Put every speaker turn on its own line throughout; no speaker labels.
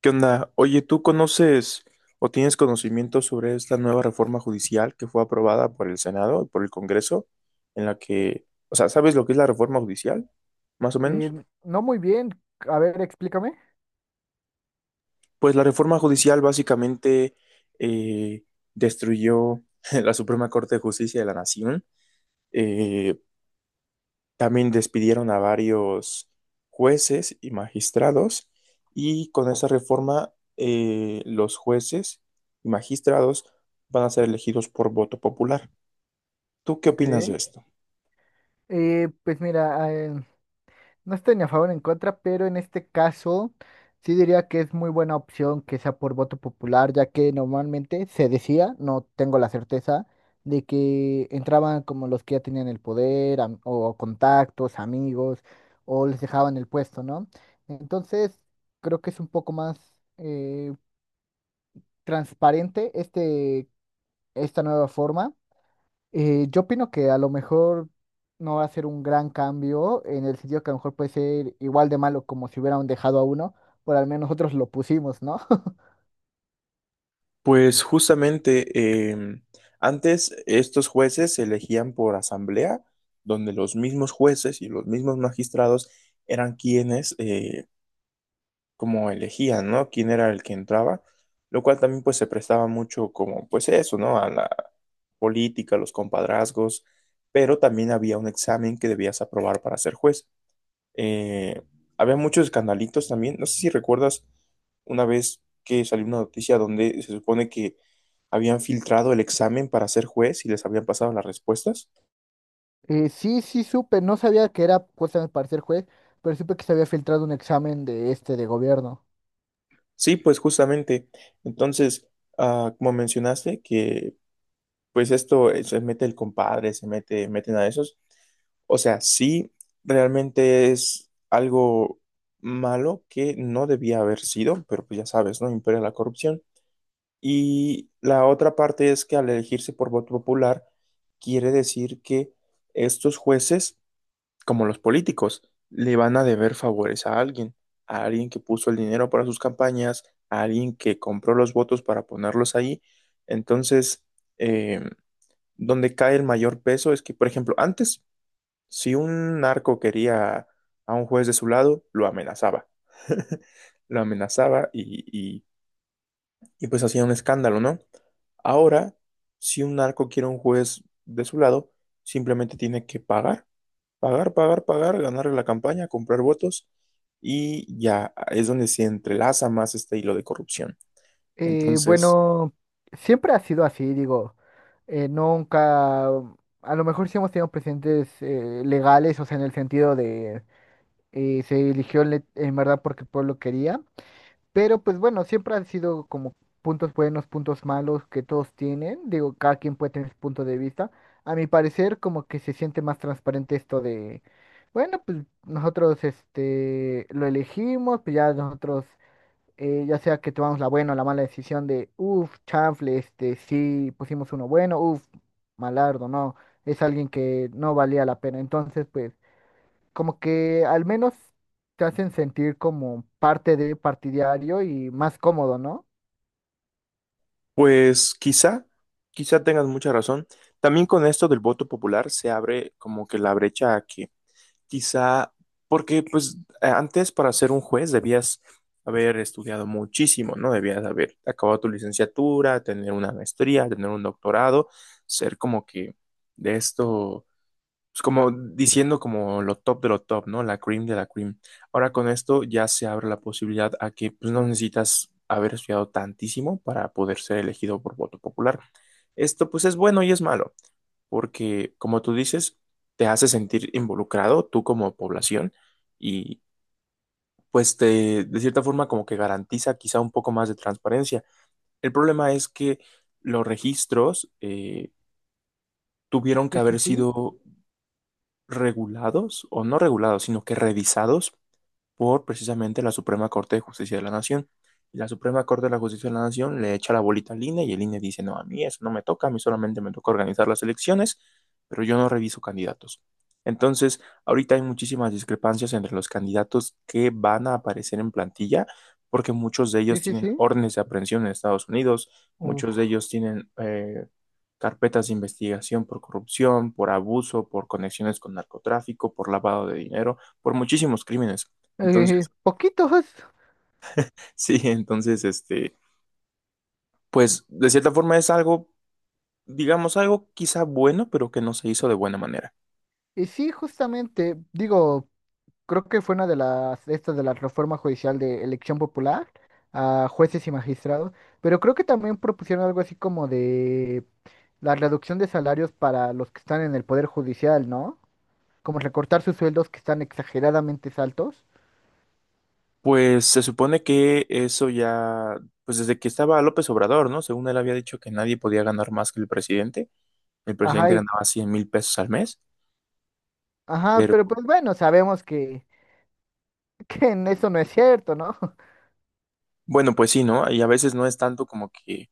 ¿Qué onda? Oye, ¿tú conoces o tienes conocimiento sobre esta nueva reforma judicial que fue aprobada por el Senado y por el Congreso, en la
Eh,
que, o sea, ¿sabes lo que es la reforma judicial, más o
eh,
menos?
no muy bien. A ver, explícame.
Pues la reforma judicial básicamente eh, destruyó la Suprema Corte de Justicia de la Nación, eh, también despidieron a varios jueces y magistrados y con esa reforma los jueces y magistrados van a ser elegidos por voto popular. ¿Tú qué
Ok.
opinas de esto?
Pues mira, no estoy ni a favor ni en contra, pero en este caso sí diría que es muy buena opción que sea por voto popular, ya que normalmente se decía, no tengo la certeza, de que entraban como los que ya tenían el poder am- o contactos, amigos, o les dejaban el puesto, ¿no? Entonces, creo que es un poco más transparente esta nueva forma. Yo opino que a lo mejor no va a ser un gran cambio, en el sentido que a lo mejor puede ser igual de malo como si hubieran dejado a uno, por al menos nosotros lo pusimos, ¿no?
Pues justamente eh, antes estos jueces se elegían por asamblea, donde los mismos jueces y los mismos magistrados eran quienes como elegían, ¿no? Quién era el que entraba, lo cual también pues se prestaba mucho como pues eso, ¿no? A la política, los compadrazgos, pero también había un examen que debías aprobar para ser juez. Eh, Había muchos escandalitos también, no sé si recuerdas una vez que salió una noticia donde se supone que habían filtrado el examen para ser juez y les habían pasado las respuestas.
Sí, sí, supe, no sabía que era puesta para ser juez, pero supe que se había filtrado un examen de este de gobierno.
Sí, pues justamente. Entonces, como mencionaste, que pues esto, se mete el compadre, se mete, meten a esos. O sea, sí, realmente es algo malo que no debía haber sido, pero pues ya sabes, ¿no? Impera la corrupción. Y la otra parte es que al elegirse por voto popular, quiere decir que estos jueces, como los políticos, le van a deber favores a alguien que puso el dinero para sus campañas, a alguien que compró los votos para ponerlos ahí. Entonces, em, donde cae el mayor peso es que, por ejemplo, antes, si un narco quería a un juez de su lado, lo amenazaba. Lo amenazaba y- y, pues hacía un escándalo, ¿no? Ahora, si un narco quiere a un juez de su lado, simplemente tiene que pagar, pagar, pagar, pagar, ganarle la campaña, comprar votos y ya es donde se entrelaza más este hilo de corrupción. Entonces,
Bueno, siempre ha sido así, digo, nunca, a lo mejor sí hemos tenido presidentes legales, o sea, en el sentido de se eligió le- en verdad porque el pueblo quería. Pero pues bueno, siempre han sido como puntos buenos, puntos malos que todos tienen. Digo, cada quien puede tener su punto de vista. A mi parecer, como que se siente más transparente esto de, bueno, pues nosotros este lo elegimos, pues ya nosotros, ya sea que tomamos la buena o la mala decisión de, uff, chanfle, este, sí, pusimos uno bueno, uff, malardo, no, es alguien que no valía la pena. Entonces, pues como que al menos te hacen sentir como parte de partidario y más cómodo, ¿no?
pues quizá, quizá tengas mucha razón. También con esto del voto popular se abre como que la brecha a que quizá, porque pues antes para ser un juez debías haber estudiado muchísimo, ¿no? Debías haber acabado tu licenciatura, tener una maestría, tener un doctorado, ser como que de esto pues como diciendo como lo top de lo top, ¿no? La cream de la cream. Ahora con esto ya se abre la posibilidad a que pues, no necesitas haber estudiado tantísimo para poder ser elegido por voto popular. Esto pues es bueno y es malo, porque como tú dices, te hace sentir involucrado tú como población y pues te, de cierta forma como que garantiza quizá un poco más de transparencia. El problema es que los registros tuvieron que
Sí, sí,
haber
sí,
sido regulados o no regulados, sino que revisados por precisamente la Suprema Corte de Justicia de la Nación. Y la Suprema Corte de la Justicia de la Nación le echa la bolita al INE y el INE dice, no, a mí eso no me toca, a mí solamente me toca organizar las elecciones, pero yo no reviso candidatos. Entonces, ahorita hay muchísimas discrepancias entre los candidatos que van a aparecer en plantilla, porque muchos de
sí,
ellos
sí,
tienen
sí.
órdenes de aprehensión en Estados Unidos, muchos de
Uf.
ellos tienen carpetas de investigación por corrupción, por abuso, por conexiones con narcotráfico, por lavado de dinero, por muchísimos crímenes. Entonces,
Poquitos, pues.
sí, entonces, este, pues de cierta forma es algo, digamos, algo quizá bueno, pero que no se hizo de buena manera.
Y sí, justamente, digo, creo que fue una de las, estas de la reforma judicial de elección popular a jueces y magistrados, pero creo que también propusieron algo así como de la reducción de salarios para los que están en el poder judicial, ¿no? Como recortar sus sueldos que están exageradamente altos.
Pues se supone que eso ya, pues desde que estaba López Obrador, ¿no? Según él había dicho que nadie podía ganar más que el presidente. El
Ajá.
presidente ganaba 100,000 pesos al mes,
Ajá,
pero
pero pues bueno, sabemos que, que en eso no es cierto, ¿no?
bueno, pues sí, ¿no? Y a veces no es tanto como que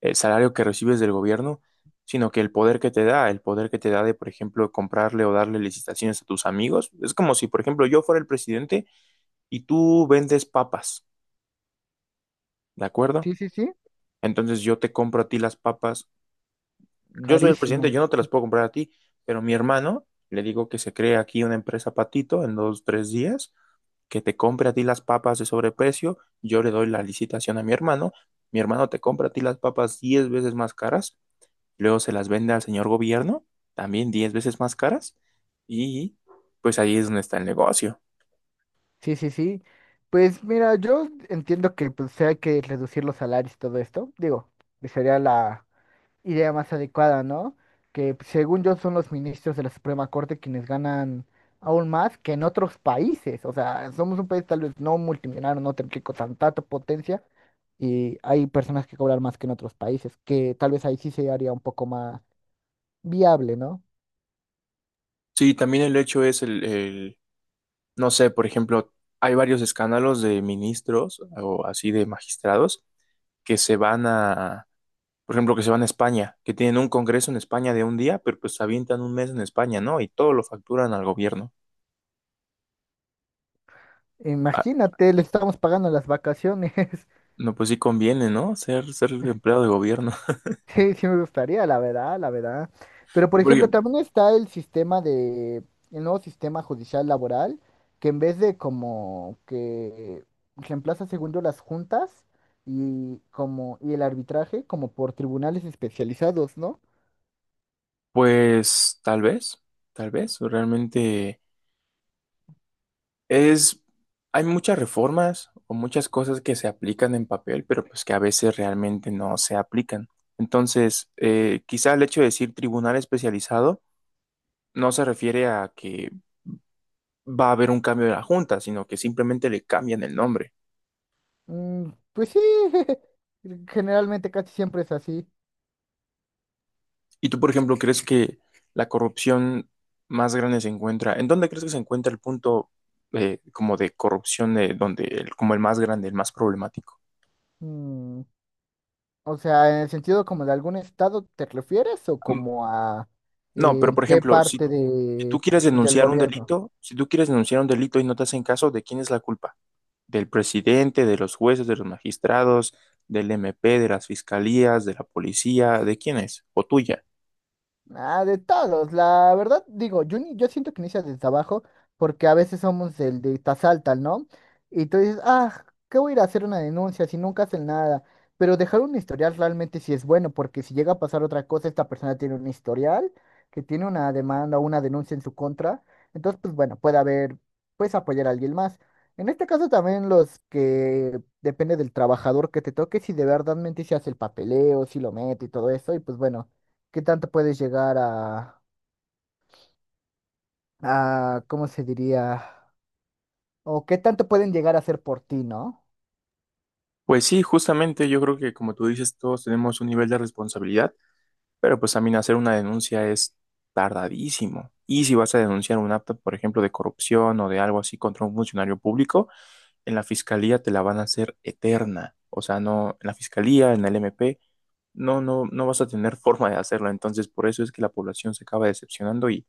el salario que recibes del gobierno, sino que el poder que te da, el poder que te da de, por ejemplo, comprarle o darle licitaciones a tus amigos. Es como si, por ejemplo, yo fuera el presidente y tú vendes papas, ¿de acuerdo?
Sí, sí, sí.
Entonces yo te compro a ti las papas. Yo soy el presidente,
Carísima.
yo no te las puedo comprar a ti, pero mi hermano, le digo que se cree aquí una empresa patito en dos, tres días, que te compre a ti las papas de sobreprecio, yo le doy la licitación a mi hermano te compra a ti las papas 10 veces más caras, luego se las vende al señor gobierno, también 10 veces más caras, y pues ahí es donde está el negocio.
Sí, sí, sí. Pues mira, yo entiendo que pues sí hay que reducir los salarios y todo esto. Digo, que sería la idea más adecuada, ¿no? Que pues, según yo son los ministros de la Suprema Corte quienes ganan aún más que en otros países. O sea, somos un país tal vez no multimillonario, no tan rico, tan tanta potencia. Y hay personas que cobran más que en otros países, que tal vez ahí sí se haría un poco más viable, ¿no?
Sí, también el hecho es no sé, por ejemplo, hay varios escándalos de ministros o así de magistrados que se van a, por ejemplo, que se van a España, que tienen un congreso en España de un día, pero pues se avientan un mes en España, ¿no? Y todo lo facturan al gobierno. Ah,
Imagínate, le estamos pagando las vacaciones.
no, pues sí conviene, ¿no? Ser empleado de gobierno.
Sí, sí me gustaría, la verdad, la verdad. Pero, por
Y por
ejemplo,
ejemplo,
también está el sistema de, el nuevo sistema judicial laboral, que en vez de como que reemplaza segundo las juntas y como, y el arbitraje, como por tribunales especializados, ¿no?
pues tal vez, realmente. Es, hay muchas reformas o muchas cosas que se aplican en papel, pero pues que a veces realmente no se aplican. Entonces, quizá el hecho de decir tribunal especializado no se refiere a que va a haber un cambio de la junta, sino que simplemente le cambian el nombre.
Mm, pues sí, generalmente casi siempre es así.
¿Y tú, por ejemplo, crees que la corrupción más grande se encuentra? ¿En dónde crees que se encuentra el punto como de corrupción, donde como el más grande, el más problemático?
Mm, o sea, en el sentido como de algún estado te refieres o como a
No, pero por
qué
ejemplo, si,
parte
si tú
de,
quieres
del
denunciar un
gobierno.
delito, si tú quieres denunciar un delito y no te hacen caso, ¿de quién es la culpa? ¿Del presidente, de los jueces, de los magistrados, del MP, de las fiscalías, de la policía? ¿De quién es? ¿O tuya?
Ah, de todos, la verdad, digo, yo, ni- yo siento que inicia desde abajo, porque a veces somos el de tasalta, ¿no? Y tú dices, ah, ¿qué voy a ir a hacer una denuncia si nunca hacen nada? Pero dejar un historial realmente sí es bueno, porque si llega a pasar otra cosa, esta persona tiene un historial, que tiene una demanda o una denuncia en su contra, entonces, pues bueno, puede haber, puedes apoyar a alguien más. En este caso también los que depende del trabajador que te toque, si de verdad mente se hace el papeleo, si lo mete y todo eso, y pues bueno. ¿Qué tanto puedes llegar a, ¿cómo se diría? O qué tanto pueden llegar a hacer por ti, ¿no?
Pues sí, justamente yo creo que como tú dices, todos tenemos un nivel de responsabilidad, pero pues también hacer una denuncia es tardadísimo. Y si vas a denunciar un acto, por ejemplo, de corrupción o de algo así contra un funcionario público, en la fiscalía te la van a hacer eterna. O sea, no, en la fiscalía, en el MP, no, no, no vas a tener forma de hacerlo. Entonces, por eso es que la población se acaba decepcionando y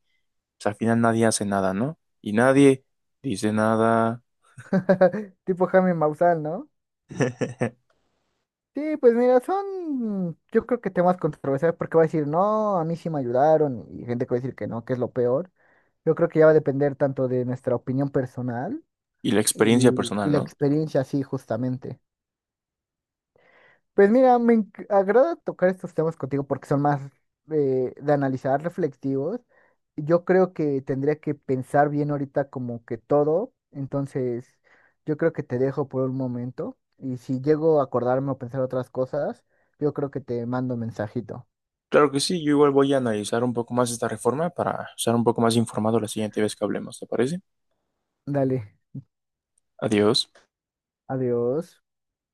pues, al final nadie hace nada, ¿no? Y nadie dice nada.
Tipo Jaime Maussan, ¿no? Sí, pues mira, son, yo creo que temas controversiales porque va a decir, no, a mí sí me ayudaron y gente que va a decir que no, que es lo peor. Yo creo que ya va a depender tanto de nuestra opinión personal
Y la experiencia
y
personal,
la
¿no?
experiencia, sí, justamente. Pues mira, me enc- agrada tocar estos temas contigo porque son más de analizar, reflexivos. Yo creo que tendría que pensar bien ahorita como que todo, entonces yo creo que te dejo por un momento y si llego a acordarme o pensar otras cosas, yo creo que te mando un mensajito.
Claro que sí, yo igual voy a analizar un poco más esta reforma para estar un poco más informado la siguiente vez que hablemos, ¿te parece?
Dale,
Adiós.
adiós.